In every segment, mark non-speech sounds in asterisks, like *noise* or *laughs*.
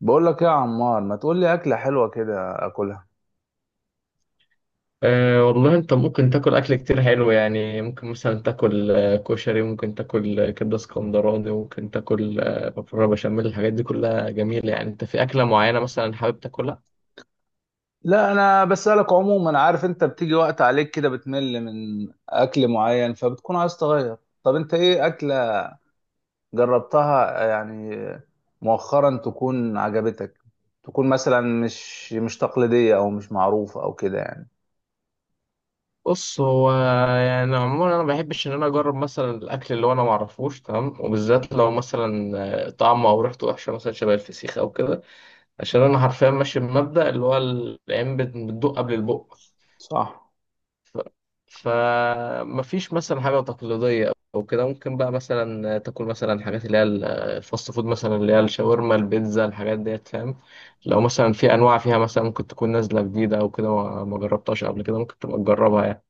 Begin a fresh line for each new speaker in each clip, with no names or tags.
بقول لك إيه يا عمار، ما تقول لي اكله حلوه كده اكلها.
والله انت ممكن تاكل اكل كتير حلو، يعني ممكن مثلا تاكل كشري، ممكن تاكل كبده اسكندراني، ممكن تاكل مكرونه بشاميل. الحاجات دي كلها جميله، يعني انت في اكله معينه مثلا حابب تاكلها؟
لا انا بسالك عموما. عارف انت بتيجي وقت عليك كده بتمل من اكل معين فبتكون عايز تغير. طب انت ايه اكله جربتها يعني مؤخرا تكون عجبتك، تكون مثلا مش تقليديه او مش معروفه او كده يعني.
بص هو، يعني عموما انا ما بحبش ان انا اجرب مثلا الاكل اللي هو انا ما اعرفوش تمام، وبالذات لو مثلا طعمه او ريحته وحشه، مثلا شبه الفسيخ او كده. عشان انا حرفيا ماشي بمبدأ اللي هو العين بتدوق قبل البق.
صح.
ف... فمفيش مثلا حاجة تقليدية أو كده. ممكن بقى مثلا تاكل مثلا حاجات اللي هي الفاست فود، مثلا اللي هي الشاورما البيتزا، الحاجات ديت فاهم. لو مثلا في أنواع فيها مثلا ممكن تكون نازلة جديدة أو كده ما جربتهاش قبل كده، ممكن تبقى تجربها يعني.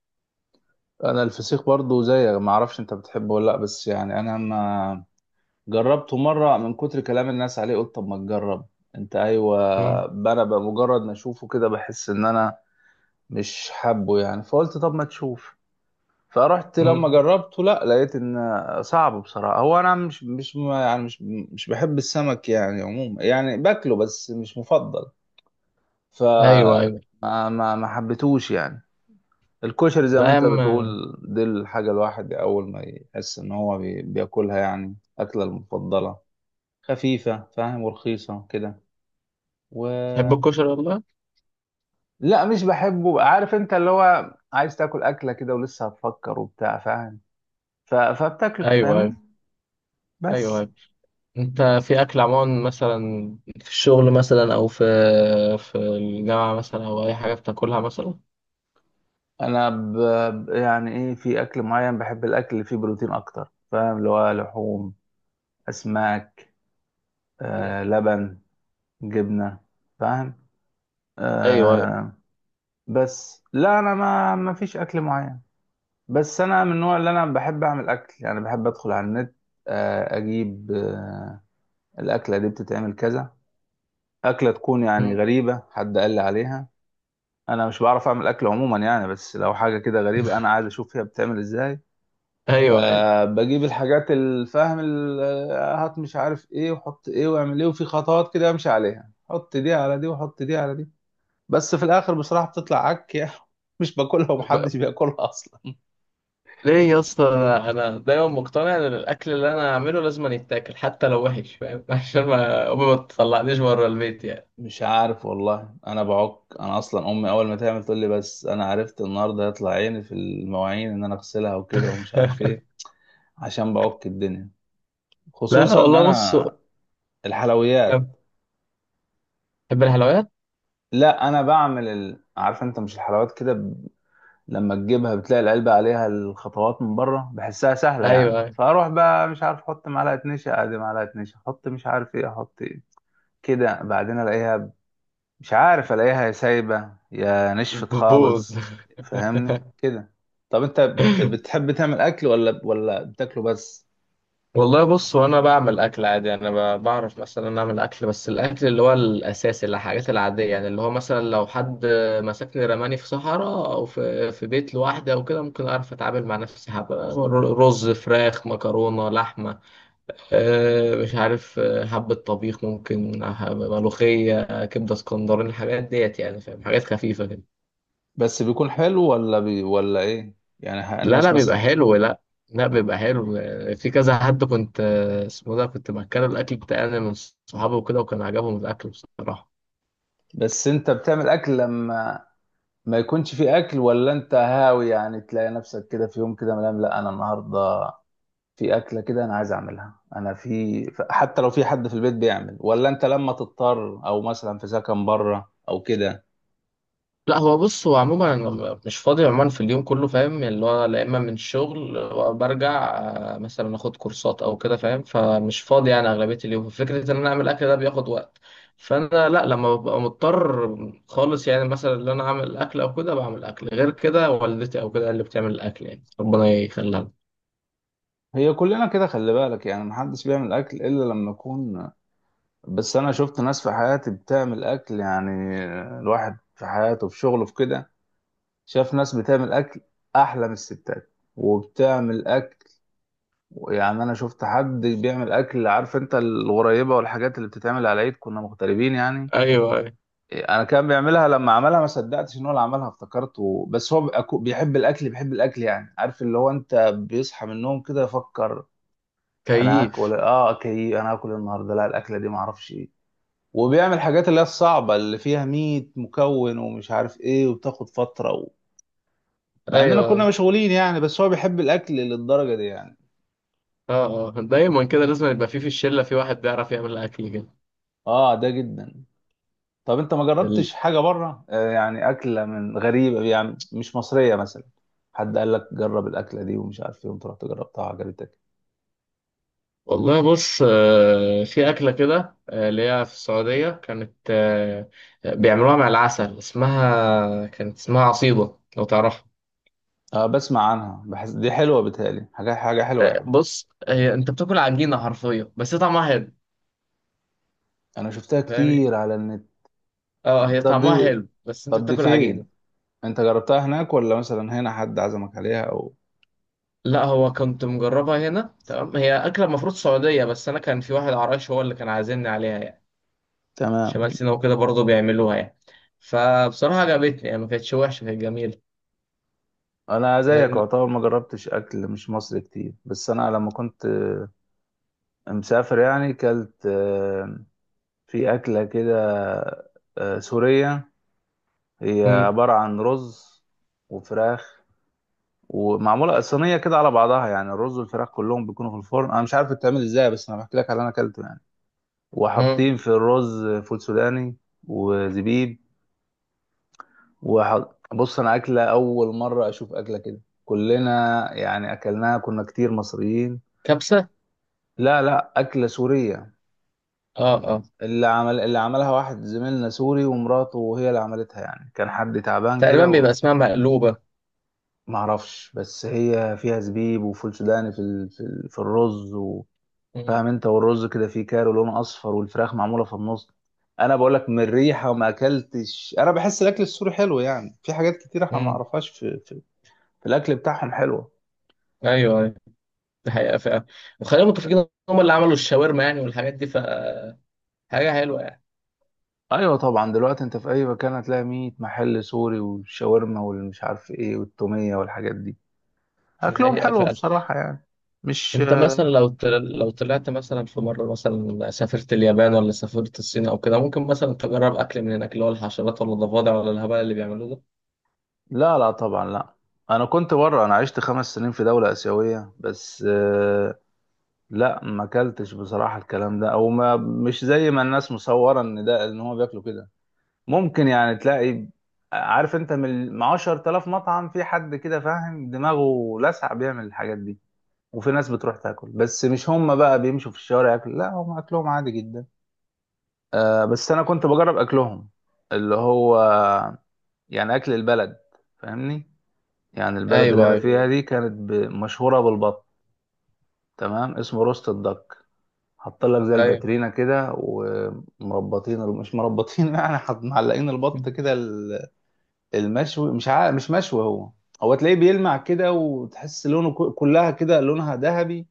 انا الفسيخ برضو زيك، ما اعرفش انت بتحبه ولا لا، بس يعني انا ما جربته مرة من كتر كلام الناس عليه، قلت طب ما تجرب. انت ايوه.
مم.
انا بمجرد ما اشوفه كده بحس ان انا مش حابه يعني، فقلت طب ما تشوف. فرحت لما
مم.
جربته، لا لقيت ان صعب بصراحة. هو انا مش مش بحب السمك يعني عموما، يعني باكله بس مش مفضل. ف
أيوه أيوه.
ما حبيتهوش يعني. الكشري زي
لا
ما
يا
انت بتقول
عم.
دي الحاجة الواحد اول ما يحس ان هو بياكلها، يعني اكلة المفضلة، خفيفة فاهم ورخيصة كده و...
تحب الكشري والله.
لا مش بحبه. عارف انت اللي هو عايز تاكل أكلة كده ولسه هتفكر وبتاع فاهم، فبتاكله
أيوه أيوه.
فاهم
أيوه
بس.
أيوه. أنت في أكل عموما، مثلا في الشغل مثلا أو في الجامعة مثلا أو أي حاجة بتاكلها مثلا؟
انا يعني ايه في اكل معين. بحب الاكل اللي فيه بروتين اكتر فاهم، اللي هو لحوم، اسماك،
مم.
آه لبن، جبنة، فاهم،
أيوه أيوه.
آه. بس لا انا ما فيش اكل معين. بس انا من النوع اللي انا بحب اعمل اكل. يعني بحب ادخل على النت، اجيب الأكلة دي بتتعمل كذا. أكلة تكون يعني غريبة حد قال لي عليها. أنا مش بعرف أعمل أكل عموما يعني، بس لو حاجة كده غريبة أنا عايز أشوف هي بتتعمل إزاي.
ايوه ايوه.
فبجيب الحاجات الفاهم هات مش عارف إيه وحط إيه وأعمل إيه، وفي خطوات كده أمشي عليها، حط دي على دي وحط دي على دي. بس في الآخر بصراحة بتطلع عك يعني. *laughs* مش باكلها
ب-
ومحدش بياكلها أصلا.
ليه يا اسطى؟ أنا دايما مقتنع ان الاكل اللي انا هعمله لازم يتاكل، حتى لو وحش فاهم *laughs* عشان ما امي ما تطلعنيش بره البيت يعني.
مش عارف والله، انا بعك. انا اصلا امي اول ما تعمل تقول لي بس انا عرفت النهارده هيطلع عيني في المواعين ان انا اغسلها وكده ومش عارف ايه،
*laughs*
عشان بعك الدنيا.
لا
خصوصا ان
والله بص.
انا الحلويات.
تحب الحلويات.
لا انا بعمل عارف انت مش الحلويات كده لما تجيبها بتلاقي العلبة عليها الخطوات من بره بحسها سهلة
ايوه
يعني،
أيوة.
فاروح بقى مش عارف احط معلقة نشا ادي معلقة نشا احط مش عارف ايه احط ايه. كده بعدين الاقيها، مش عارف الاقيها يا سايبة يا نشفت
بتبوظ
خالص. فاهمني
*laughs*
كده. طب انت بتحب تعمل اكل ولا بتاكله بس؟
والله بص، وانا بعمل اكل عادي. انا بعرف مثلا اعمل اكل، بس الاكل اللي هو الاساسي، اللي الحاجات العاديه، يعني اللي هو مثلا لو حد مسكني رماني في صحراء، او في بيت لوحدي او كده، ممكن اعرف اتعامل مع نفسي. حبه رز فراخ مكرونه لحمه، مش عارف، حبه طبيخ ممكن، ملوخيه، كبده اسكندراني، الحاجات ديت يعني فاهم. حاجات خفيفه كده.
بس بيكون حلو ولا ايه يعني
لا
الناس
لا، بيبقى
مثلا؟
حلو. لا، لا بيبقى حلو. في كذا حد كنت اسمه ده كنت مأكله الأكل بتاعي أنا من صحابي وكده، وكان عجبهم الأكل بصراحة.
بس انت بتعمل اكل لما ما يكونش في اكل، ولا انت هاوي يعني تلاقي نفسك كده في يوم كده ملام لا انا النهارده في اكله كده انا عايز اعملها انا في حتى لو في حد في البيت بيعمل، ولا انت لما تضطر او مثلا في سكن بره او كده؟
لا هو بص، هو عموما أنا مش فاضي عموما في اليوم كله فاهم، اللي هو لا، إما من الشغل برجع مثلا آخد كورسات أو كده فاهم، فمش فاضي يعني أغلبية اليوم. فكرة إن أنا أعمل أكل ده بياخد وقت، فأنا لا، لما ببقى مضطر خالص يعني مثلا إن أنا أعمل أكل أو كده بعمل أكل، غير كده والدتي أو كده اللي بتعمل الأكل، يعني ربنا يخليها لنا.
هي كلنا كده، خلي بالك يعني محدش بيعمل اكل الا لما يكون. بس انا شفت ناس في حياتي بتعمل اكل يعني، الواحد في حياته في شغله في كده شاف ناس بتعمل اكل احلى من الستات. وبتعمل اكل يعني، انا شفت حد بيعمل اكل. عارف انت الغريبه والحاجات اللي بتتعمل على العيد، كنا مغتربين يعني.
ايوه.
انا كان بيعملها، لما عملها ما صدقتش ان هو اللي عملها، افتكرته بس هو بيحب الاكل يعني. عارف اللي هو انت بيصحى من النوم كده يفكر انا هاكل
كيف؟
إيه؟ اه اوكي انا هاكل النهارده لا الاكله دي ما اعرفش ايه. وبيعمل حاجات اللي هي الصعبه اللي فيها 100 مكون ومش عارف ايه وبتاخد فتره مع اننا
ايوه ايوه.
كنا مشغولين يعني، بس هو بيحب الاكل للدرجه دي يعني.
اه اه. دايما كده لازم يبقى في الشله في واحد بيعرف يعمل اكل كده.
اه ده جدا. طب انت ما
ال-
جربتش حاجه بره، يعني اكله من غريبه يعني مش مصريه مثلا، حد قال لك جرب الاكله دي ومش عارف ايه وانت رحت جربتها عجبتك؟
والله بص، في اكله كده اللي هي في السعوديه كانت بيعملوها مع العسل، اسمها كانت اسمها عصيده لو تعرفها.
اه بسمع عنها، بحس دي حلوه، بتهيألي حاجه حاجه حلوه يعني.
بص هي انت بتاكل عجينه حرفيا، بس هي طعمها حلو.
انا شفتها
فاهمني.
كتير على النت.
اه هي
طب
طعمها
دي،
حلو بس انت
طب دي
بتاكل عجينه.
فين؟ انت جربتها هناك ولا مثلا هنا حد عزمك عليها او؟
لا هو كنت مجربها هنا، تمام. هي اكله المفروض سعوديه، بس انا كان في واحد عرايش هو اللي كان عازمني عليها يعني. شمال
تمام.
سيناء وكده برضه بيعملوها يعني، فبصراحة عجبتني يعني، ما كانتش وحشة، كانت جميلة.
انا زيك
فاهم.
يعتبر ما جربتش اكل مش مصري كتير، بس انا لما كنت مسافر يعني كلت، في اكله كده سوريه. هي
مم.
عبارة عن رز وفراخ ومعمولة صينية كده على بعضها. يعني الرز والفراخ كلهم بيكونوا في الفرن، أنا مش عارف بتتعمل إزاي بس أنا بحكي لك على اللي أنا أكلته يعني.
مم.
وحاطين في الرز فول سوداني وزبيب بص أنا أكلة أول مرة أشوف أكلة كده، كلنا يعني أكلناها، كنا كتير مصريين.
كبسة.
لا لا أكلة سورية.
اه اه.
اللي عملها واحد زميلنا سوري، ومراته وهي اللي عملتها يعني، كان حد تعبان
تقريبا
كده.
بيبقى اسمها مقلوبة.
معرفش، بس هي فيها زبيب وفول سوداني في الرز
مم.
فاهم انت. والرز كده فيه كارو لونه اصفر، والفراخ معموله في النص. انا بقول لك من الريحه وما اكلتش، انا بحس الاكل السوري حلو يعني. في حاجات كتير احنا ما
مم.
نعرفهاش في في الاكل بتاعهم حلوه.
ايوه ايوه. دي حقيقة فعلا. وخلينا متفقين ان هم اللي عملوا الشاورما يعني والحاجات دي، فحاجة حلوة يعني.
ايوه طبعا، دلوقتي انت في اي مكان هتلاقي 100 محل سوري، والشاورما والمش عارف ايه والتوميه والحاجات دي.
دي
اكلهم
حقيقة
حلو
فعلا.
بصراحه يعني. مش
انت مثلا لو لو طلعت مثلا في مرة، مثلا سافرت اليابان ولا سافرت الصين او كده، ممكن مثلا تجرب اكل من هناك اللي هو الحشرات ولا الضفادع ولا الهبل اللي بيعملوه ده؟
لا لا طبعا لا. انا كنت بره، انا عشت 5 سنين في دوله اسيويه بس. لا ما اكلتش بصراحة الكلام ده. او ما مش زي ما الناس مصورة ان ده ان هو بياكلوا كده. ممكن يعني تلاقي، عارف انت، من 10,000 مطعم في حد كده فاهم دماغه لسع بيعمل الحاجات دي، وفي ناس بتروح تاكل، بس مش هم بقى بيمشوا في الشوارع ياكلوا، لا هم اكلهم عادي جدا. آه بس انا كنت بجرب اكلهم اللي هو يعني اكل البلد، فاهمني. يعني البلد اللي
ايوه
انا
ايوه
فيها دي كانت مشهورة بالبط. تمام. اسمه روست الدك. حاط لك زي
ايوه
الباترينا كده ومربطين مش مربطين *laughs* يعني حط معلقين البط كده المشوي، مش عارف مش مشوي هو. هو تلاقيه بيلمع كده، وتحس لونه كلها كده لونها ذهبي.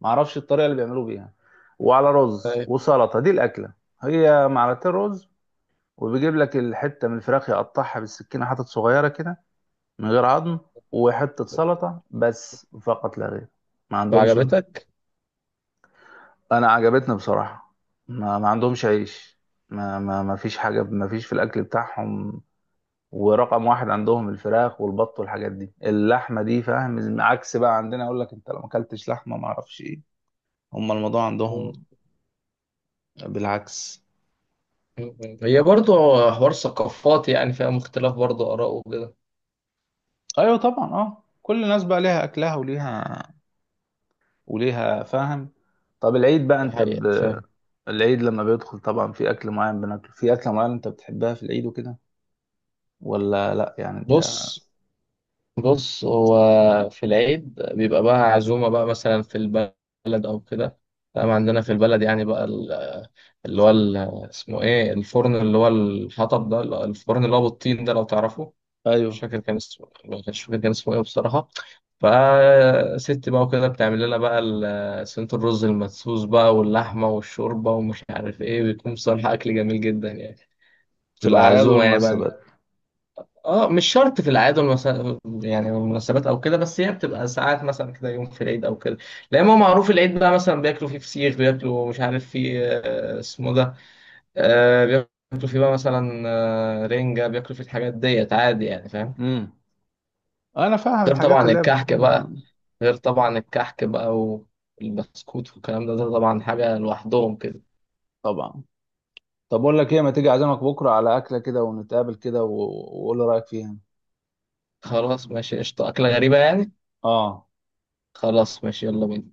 معرفش الطريقه اللي بيعملوا بيها. وعلى رز
*laughs*
وسلطه، دي الاكله. هي معلقتين رز، وبيجيب لك الحته من الفراخ يقطعها بالسكينه حتت صغيره كده من غير عظم، وحته سلطه بس فقط لا غير. ما عندهمش.
وعجبتك؟
انا عجبتني بصراحه. ما عندهمش عيش. ما فيش حاجه، ما فيش في الاكل بتاعهم. ورقم واحد عندهم الفراخ والبط والحاجات دي، اللحمه دي فاهم، عكس بقى عندنا. اقول لك انت لو ما اكلتش لحمه ما اعرفش ايه. هم الموضوع
مم.
عندهم بالعكس.
مم. هي برضو حوار ثقافات يعني، فيها اختلاف برضو آراء وكده.
ايوه طبعا، اه كل الناس بقى ليها اكلها وليها وليها فاهم. طب العيد بقى انت
الحقيقة فاهم.
العيد لما بيدخل طبعا في اكل معين بناكله، في اكله معينه انت بتحبها في العيد وكده ولا لا يعني انت؟
بص.
بص.
بص هو، في العيد بيبقى بقى عزومة بقى، مثلا في البلد أو كده فاهم. عندنا في البلد يعني بقى اللي هو اسمه إيه الفرن، اللي هو الحطب ده، الفرن اللي هو بالطين ده لو تعرفه. مش
ايوه
فاكر كان اسمه مش فاكر كان اسمه ايه بصراحة. فست بقى وكده، بتعمل لنا بقى صينية الرز المدسوس بقى واللحمة والشوربة ومش عارف ايه، بيكون بصراحة أكل جميل جدا يعني.
في
بتبقى
الأعياد
عزومة يعني بقى.
والمناسبات.
اه، مش شرط في الأعياد يعني والمناسبات أو كده، بس هي بتبقى ساعات مثلا كده يوم في العيد أو كده. لأن هو معروف العيد بقى مثلا بياكلوا فيه فسيخ، بياكلوا مش عارف فيه اسمه ده، بياكلوا فيه بقى مثلا رنجة، بياكلوا فيه الحاجات ديت عادي يعني فاهم.
امم، أنا فاهم
غير
الحاجات
طبعا
اللي هي
الكحك
بتكون.
بقى غير طبعا الكحك بقى والبسكوت والكلام ده، ده طبعا حاجة لوحدهم كده.
طبعا. طب أقول لك إيه، ما تيجي أعزمك بكرة على أكلة كده ونتقابل كده وقول لي رأيك فيها.
خلاص ماشي قشطة، أكلة غريبة يعني.
آه.
خلاص ماشي، يلا بينا.